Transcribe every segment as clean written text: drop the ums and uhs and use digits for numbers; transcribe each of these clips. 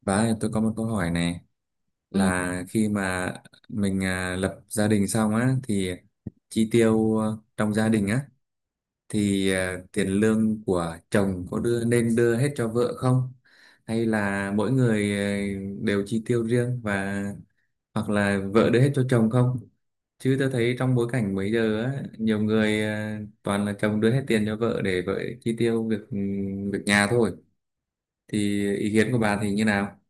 Bà ơi, tôi có một câu hỏi này Ừ. là khi mà mình lập gia đình xong á thì chi tiêu trong gia đình á thì tiền lương của chồng có đưa nên đưa hết cho vợ không? Hay là mỗi người đều chi tiêu riêng và hoặc là vợ đưa hết cho chồng không? Chứ tôi thấy trong bối cảnh bây giờ á nhiều người toàn là chồng đưa hết tiền cho vợ để vợ chi tiêu việc việc nhà thôi. Thì ý kiến của bà thì như nào?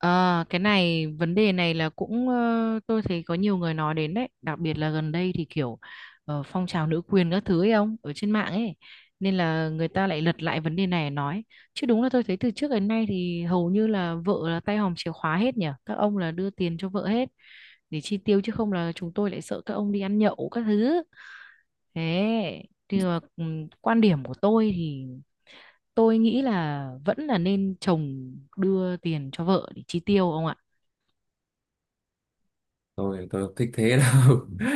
À, cái này vấn đề này là cũng tôi thấy có nhiều người nói đến đấy, đặc biệt là gần đây thì kiểu phong trào nữ quyền các thứ ấy ông ở trên mạng ấy, nên là người ta lại lật lại vấn đề này nói. Chứ đúng là tôi thấy từ trước đến nay thì hầu như là vợ là tay hòm chìa khóa hết nhỉ, các ông là đưa tiền cho vợ hết để chi tiêu, chứ không là chúng tôi lại sợ các ông đi ăn nhậu các thứ. Thế thì mà, quan điểm của tôi thì tôi nghĩ là vẫn là nên chồng đưa tiền cho vợ để chi tiêu ông ạ. Tôi không thích thế đâu.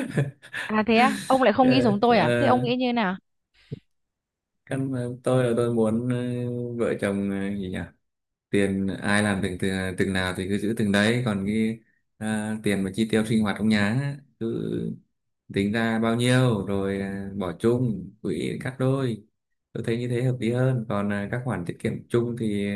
À thế á, ông lại không nghĩ Ờ, giống tôi à? Thế ông ờ, nghĩ như thế nào? căn tôi là tôi muốn vợ chồng, gì nhỉ, tiền ai làm từng từng, từng nào thì cứ giữ từng đấy, còn cái tiền mà chi tiêu sinh hoạt trong nhà á, cứ tính ra bao nhiêu rồi bỏ chung quỹ cắt đôi. Tôi thấy như thế hợp lý hơn. Còn các khoản tiết kiệm chung thì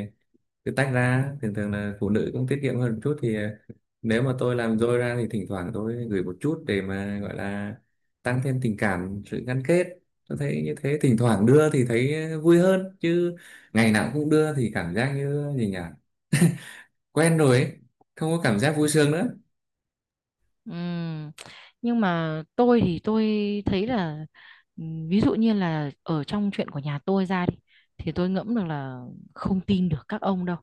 cứ tách ra, thường thường là phụ nữ cũng tiết kiệm hơn một chút, thì nếu mà tôi làm dôi ra thì thỉnh thoảng tôi gửi một chút để mà gọi là tăng thêm tình cảm, sự gắn kết. Tôi thấy như thế thỉnh thoảng đưa thì thấy vui hơn chứ, ngày nào cũng đưa thì cảm giác như gì nhỉ, quen rồi ấy, không có cảm giác vui sướng nữa. Ừm, Nhưng mà tôi thì tôi thấy là ví dụ như là ở trong chuyện của nhà tôi ra đi thì tôi ngẫm được là không tin được các ông đâu.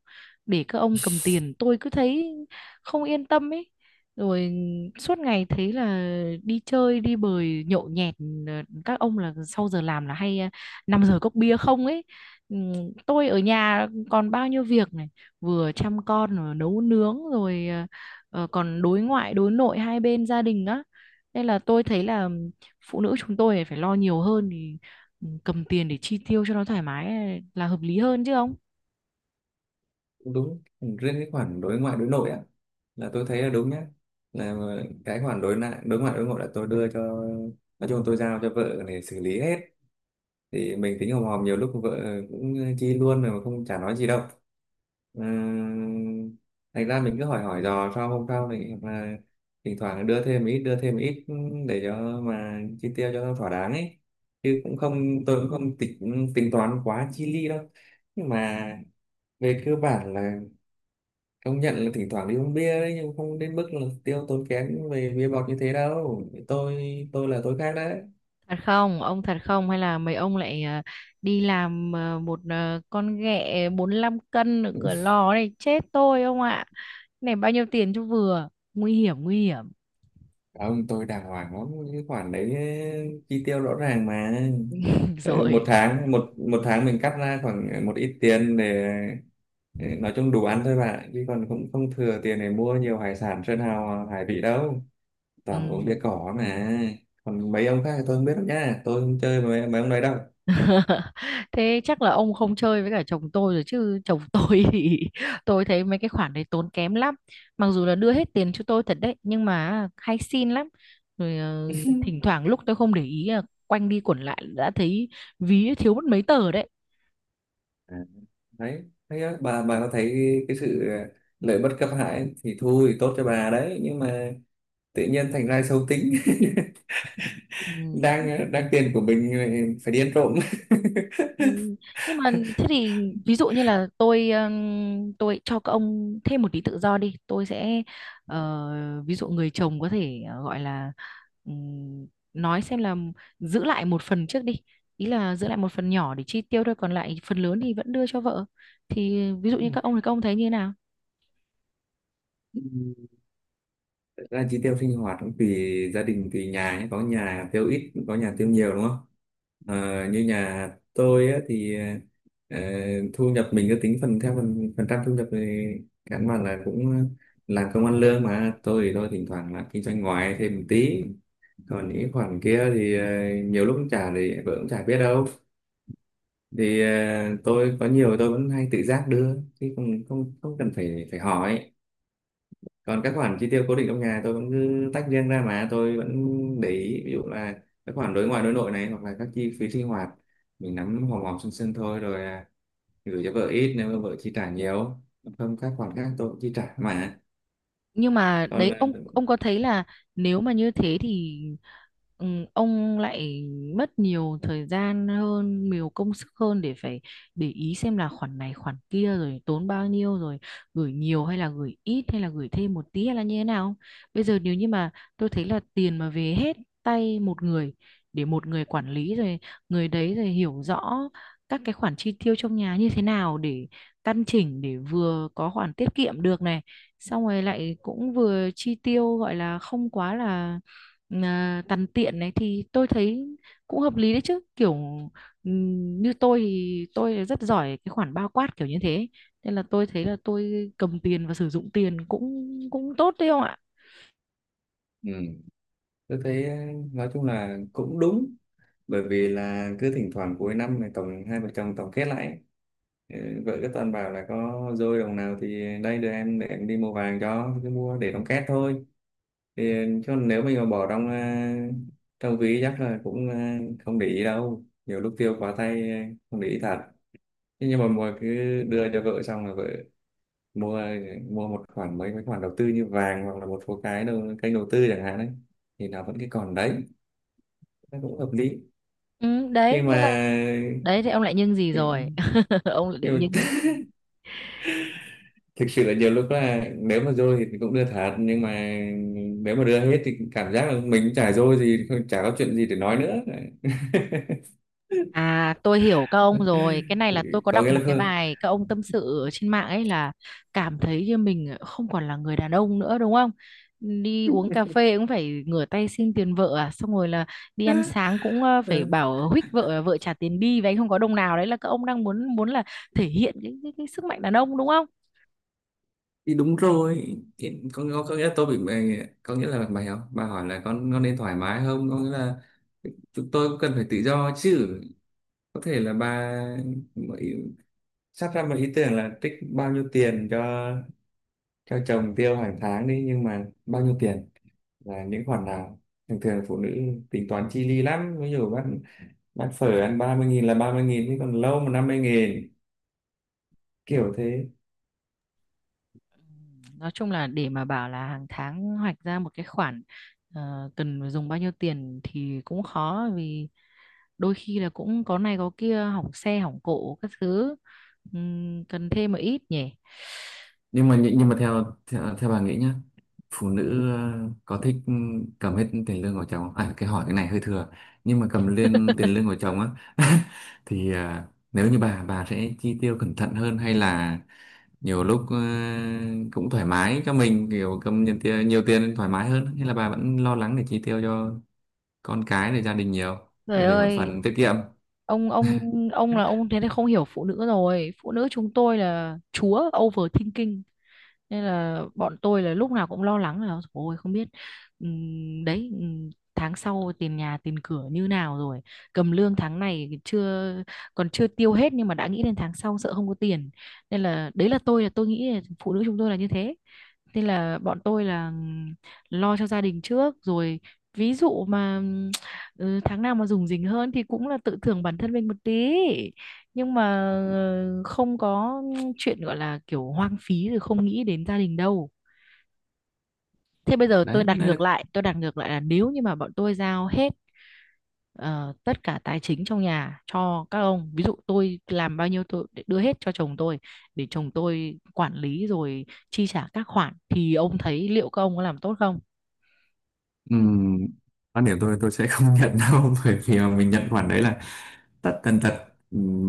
Để các ông cầm tiền tôi cứ thấy không yên tâm ấy. Rồi suốt ngày thấy là đi chơi đi bời nhậu nhẹt, các ông là sau giờ làm là hay 5 giờ cốc bia không ấy. Ừm, Tôi ở nhà còn bao nhiêu việc này, vừa chăm con rồi nấu nướng rồi còn đối ngoại đối nội hai bên gia đình á, nên là tôi thấy là phụ nữ chúng tôi phải lo nhiều hơn thì cầm tiền để chi tiêu cho nó thoải mái là hợp lý hơn chứ ông. Đúng, riêng cái khoản đối ngoại đối nội á là tôi thấy là đúng nhá, là cái khoản đối ngoại đối nội là tôi đưa cho, nói chung tôi giao cho vợ để xử lý hết. Thì mình tính hòm hòm, nhiều lúc vợ cũng chi luôn rồi mà không chả nói gì đâu. Ờ, thành ra mình cứ hỏi hỏi dò sau, hôm sau thì mà thỉnh thoảng đưa thêm ít, đưa thêm ít để cho mà chi tiêu cho nó thỏa đáng ấy. Chứ cũng không, tôi cũng không tính tính toán quá chi ly đâu, nhưng mà về cơ bản là công nhận là thỉnh thoảng đi uống bia đấy, nhưng không đến mức là tiêu tốn kém về bia bọt như thế đâu. Tôi là tôi khác đấy. Thật không ông, thật không hay là mấy ông lại đi làm con ghẹ 45 cân ở cửa lò này chết tôi ông ạ, này bao nhiêu tiền cho vừa, nguy hiểm nguy hiểm. Ông tôi đàng hoàng lắm cái khoản đấy, chi tiêu rõ ràng mà. Ờ, một Rồi. tháng một một tháng mình cắt ra khoảng một ít tiền để nói chung đủ ăn thôi bạn, chứ còn cũng không thừa tiền để mua nhiều hải sản sơn hào hải vị đâu, Ừ. toàn uống bia cỏ mà. Còn mấy ông khác thì tôi không biết đâu nha, tôi không chơi với mấy ông đấy đâu. Thế chắc là ông không chơi với cả chồng tôi rồi, chứ chồng tôi thì tôi thấy mấy cái khoản đấy tốn kém lắm. Mặc dù là đưa hết tiền cho tôi thật đấy nhưng mà hay xin lắm. Rồi thỉnh thoảng lúc tôi không để ý là quanh đi quẩn lại đã thấy ví thiếu mất mấy tờ đấy. À, đấy thấy á, bà có thấy cái sự lợi bất cập hại, thì thôi tốt cho bà đấy, nhưng mà tự nhiên thành ra xấu tính. Ừ. Đang đang tiền của mình phải đi ăn trộm. Ừ, nhưng mà thế thì ví dụ như là tôi cho các ông thêm một tí tự do đi, tôi sẽ ví dụ người chồng có thể gọi là ừm, nói xem là giữ lại một phần trước đi, ý là giữ lại một phần nhỏ để chi tiêu thôi, còn lại phần lớn thì vẫn đưa cho vợ, thì ví dụ như các ông thì các ông thấy như thế nào. Ừ. Thật ra chi tiêu sinh hoạt cũng tùy gia đình, tùy nhà nhé. Có nhà tiêu ít, có nhà tiêu nhiều, đúng không? Ờ, như nhà tôi á, thì ờ, thu nhập mình cứ tính phần theo phần phần trăm thu nhập, thì căn bản là cũng làm công ăn lương mà, tôi thì tôi thỉnh thoảng là kinh doanh ngoài thêm một tí, còn những khoản kia thì nhiều lúc cũng trả thì vợ cũng chả biết đâu. Thì tôi có nhiều tôi vẫn hay tự giác đưa, chứ không không không cần phải phải hỏi. Còn các khoản chi tiêu cố định trong nhà tôi vẫn cứ tách riêng ra, mà tôi vẫn để ý, ví dụ là các khoản đối ngoại đối nội này, hoặc là các chi phí sinh hoạt mình nắm hòm hòm sân sân thôi, rồi gửi cho vợ ít nếu mà vợ chi trả nhiều, không các khoản khác tôi cũng chi trả mà. Nhưng mà Còn đấy ông có thấy là nếu mà như thế thì ừ, ông lại mất nhiều thời gian hơn, nhiều công sức hơn để phải để ý xem là khoản này khoản kia rồi tốn bao nhiêu, rồi gửi nhiều hay là gửi ít hay là gửi thêm một tí hay là như thế nào không? Bây giờ nếu như mà tôi thấy là tiền mà về hết tay một người, để một người quản lý rồi, người đấy rồi hiểu rõ các cái khoản chi tiêu trong nhà như thế nào để căn chỉnh, để vừa có khoản tiết kiệm được này, xong rồi lại cũng vừa chi tiêu gọi là không quá là à, tằn tiện này, thì tôi thấy cũng hợp lý đấy chứ. Kiểu như tôi thì tôi rất giỏi cái khoản bao quát kiểu như thế, nên là tôi thấy là tôi cầm tiền và sử dụng tiền cũng cũng tốt đấy không ạ. ừ, tôi thấy nói chung là cũng đúng, bởi vì là cứ thỉnh thoảng cuối năm này tổng hai vợ chồng tổng kết lại, ừ, vợ cứ toàn bảo là có dôi đồng nào thì đây đưa em để em đi mua vàng cho, cứ mua để đóng két thôi. Thì chứ nếu mình mà bỏ trong trong ví chắc là cũng không để ý đâu, nhiều lúc tiêu quá tay không để ý thật. Thế nhưng mà mua, cứ đưa cho vợ xong là vợ mua, một khoản mấy mấy khoản đầu tư như vàng, hoặc là một số cái đầu, kênh đầu tư chẳng hạn đấy, thì nó vẫn cái còn đấy, nó cũng hợp lý. Ừ, đấy, Nhưng mà nên là đấy, thì ông lại nhưng gì ờ, rồi? Ông lại định nhưng nhưng mà cái gì? thực sự là nhiều lúc là nếu mà dôi thì cũng đưa thật, nhưng mà nếu mà đưa hết thì cảm giác là mình chả dôi gì, chả có chuyện gì để nói nữa. À, tôi hiểu các ông rồi. Cái này là tôi có Có đọc nghĩa một là cái không. bài các ông tâm sự ở trên mạng ấy, là cảm thấy như mình không còn là người đàn ông nữa đúng không? Đi uống cà phê cũng phải ngửa tay xin tiền vợ à, xong rồi là đi ăn sáng cũng Ờ, phải bảo huých vợ vợ trả tiền đi và anh không có đồng nào, đấy là các ông đang muốn muốn là thể hiện cái sức mạnh đàn ông đúng. thì đúng rồi, thì có nghĩa là có nghĩa là mày học bà hỏi là con nên thoải mái, không có nghĩa là chúng tôi cũng cần phải tự do chứ. Có thể là bà mới sắp ra một ý tưởng là trích bao nhiêu tiền cho chồng tiêu hàng tháng đi, nhưng mà bao nhiêu tiền là những khoản nào, thường thường phụ nữ tính toán chi li lắm, ví dụ bác phở ăn 30.000 là 30.000 chứ còn lâu mà 50 nghìn, kiểu thế. Nói chung là để mà bảo là hàng tháng hoạch ra một cái khoản cần dùng bao nhiêu tiền thì cũng khó, vì đôi khi là cũng có này có kia, hỏng xe hỏng cộ các thứ. Cần thêm một ít nhỉ. Nhưng mà, nhưng mà theo theo, theo bà nghĩ nhá, phụ nữ có thích cầm hết tiền lương của chồng không? À, cái hỏi cái này hơi thừa, nhưng mà cầm lên tiền lương của chồng á. Thì nếu như bà sẽ chi tiêu cẩn thận hơn, hay là nhiều lúc cũng thoải mái cho mình, kiểu cầm nhiều tiền, nhiều tiền thoải mái hơn, hay là bà vẫn lo lắng để chi tiêu cho con cái, để gia đình nhiều, Trời rồi để một ơi, phần tiết kiệm. ông ông ông là ông thế này không hiểu phụ nữ rồi, phụ nữ chúng tôi là chúa overthinking, nên là bọn tôi là lúc nào cũng lo lắng là ôi không biết, đấy, tháng sau tiền nhà tiền cửa như nào rồi, cầm lương tháng này chưa, còn chưa tiêu hết nhưng mà đã nghĩ đến tháng sau sợ không có tiền. Nên là đấy, là tôi nghĩ là phụ nữ chúng tôi là như thế, nên là bọn tôi là lo cho gia đình trước. Rồi ví dụ mà tháng nào mà rủng rỉnh hơn thì cũng là tự thưởng bản thân mình một tí, nhưng mà không có chuyện gọi là kiểu hoang phí rồi không nghĩ đến gia đình đâu. Thế bây giờ tôi Đấy, đặt đấy là. ngược lại, tôi đặt ngược lại là nếu như mà bọn tôi giao hết ờ, tất cả tài chính trong nhà cho các ông, ví dụ tôi làm bao nhiêu tôi để đưa hết cho chồng tôi, để chồng tôi quản lý rồi chi trả các khoản, thì ông thấy liệu các ông có làm tốt không. Ừm, quan điểm tôi sẽ không nhận đâu bởi vì mà mình nhận khoản đấy là tất tần tật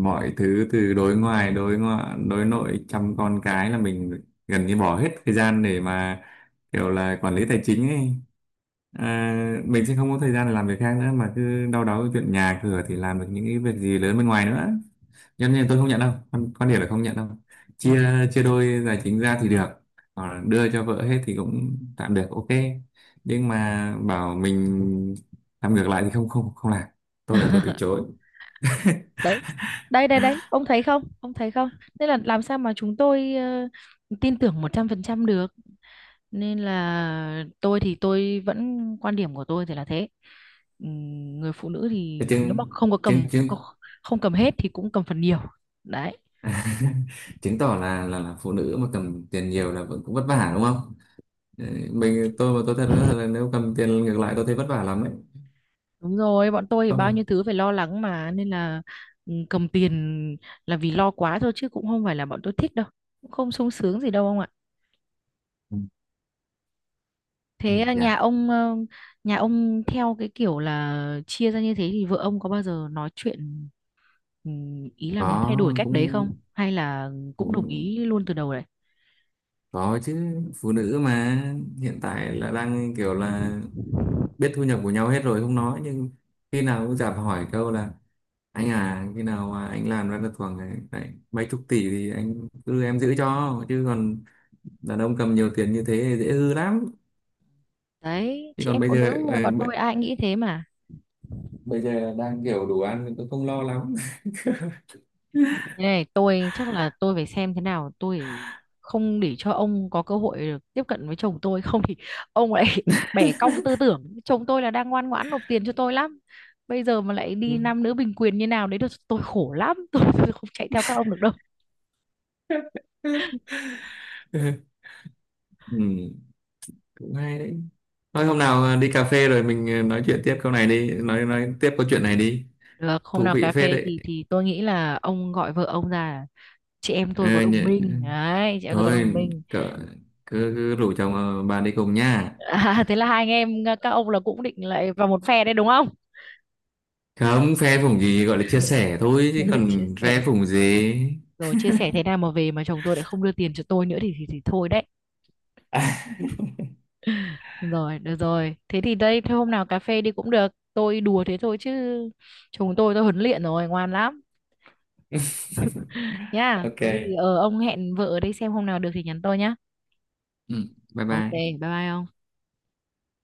mọi thứ, từ đối ngoài đối ngoại đối nội, chăm con cái là mình gần như bỏ hết thời gian để mà kiểu là quản lý tài chính ấy, à, mình sẽ không có thời gian để làm việc khác nữa, mà cứ đau đáu cái chuyện nhà cửa thì làm được những cái việc gì lớn bên ngoài nữa. Cho nên tôi không nhận đâu, quan điểm là không nhận đâu. Ừ. Chia chia đôi tài chính ra thì được, còn đưa cho vợ hết thì cũng tạm được, ok. Nhưng mà bảo mình làm ngược lại thì không không không làm, tôi là tôi từ chối. Đấy, đây đây đây, ông thấy không, ông thấy không? Nên là làm sao mà chúng tôi tin tưởng 100% được. Nên là tôi thì tôi vẫn quan điểm của tôi thì là thế. Ừm, Người phụ nữ Thế thì nếu mà chứng không chứng chứng không cầm hết thì cũng cầm phần nhiều. Đấy. chứng tỏ là, là phụ nữ mà cầm tiền nhiều là vẫn cũng vất vả, đúng không? Ừ, tôi mà tôi thật là nếu cầm tiền ngược lại tôi thấy vất vả lắm đấy. Đúng rồi, bọn tôi thì Có bao không? nhiêu thứ phải lo lắng mà, nên là cầm tiền là vì lo quá thôi chứ cũng không phải là bọn tôi thích đâu, cũng không sung sướng gì đâu ông ạ. Ừ, ừ, Thế à, dạ. Nhà ông theo cái kiểu là chia ra như thế, thì vợ ông có bao giờ nói chuyện, ý là muốn thay đổi Có, cách đấy không, cũng hay là cũng đồng cũng ý luôn từ đầu? có chứ, phụ nữ mà, hiện tại là đang kiểu là biết thu nhập của nhau hết rồi không nói, nhưng khi nào cũng chả hỏi câu là anh à, khi nào mà anh làm ra được khoảng ấy, đấy, mấy chục tỷ thì anh cứ em giữ cho, chứ còn đàn ông cầm nhiều tiền như thế thì dễ hư lắm. Đấy, Chứ chị còn em bây phụ nữ giờ rồi, bọn tôi ai nghĩ thế mà. bây giờ đang kiểu đủ ăn thì tôi không lo lắm. Thế này, tôi chắc là tôi phải xem thế nào, tôi không để cho ông có cơ hội được tiếp cận với chồng tôi không thì ông lại bẻ cong tư tưởng. Chồng tôi là đang ngoan ngoãn nộp tiền cho tôi lắm. Bây giờ mà lại đi nam nữ bình quyền như nào đấy được tôi khổ lắm, tôi không chạy theo các ông được đâu. Ừ, cũng hay đấy, thôi hôm nào đi cà phê rồi mình nói chuyện tiếp câu này đi, nói tiếp câu chuyện này đi, Được, hôm thú nào vị cà phết phê đấy. thì tôi nghĩ là ông gọi vợ ông ra, chị em tôi có Ờ, đồng nhỉ- minh đấy, chị em tôi có đồng thôi, minh. cỡ, cứ rủ chồng bà đi cùng nha. À, thế là hai anh em các ông là cũng định lại vào một phe đấy đúng không? Không phe phủng gì, gọi là chia sẻ thôi, chứ Chia còn phe sẻ, phủng gì. rồi chia sẻ thế nào mà về mà chồng tôi lại không đưa tiền cho tôi nữa thì thì thôi đấy. Rồi, được rồi, thế thì đây, thôi hôm nào cà phê đi cũng được, tôi đùa thế thôi chứ chồng tôi huấn luyện rồi ngoan lắm nhá. ok. Có gì ờ ông hẹn vợ ở đây xem hôm nào được thì nhắn tôi nhá. Ừ, bye Ok bye. bye bye ông.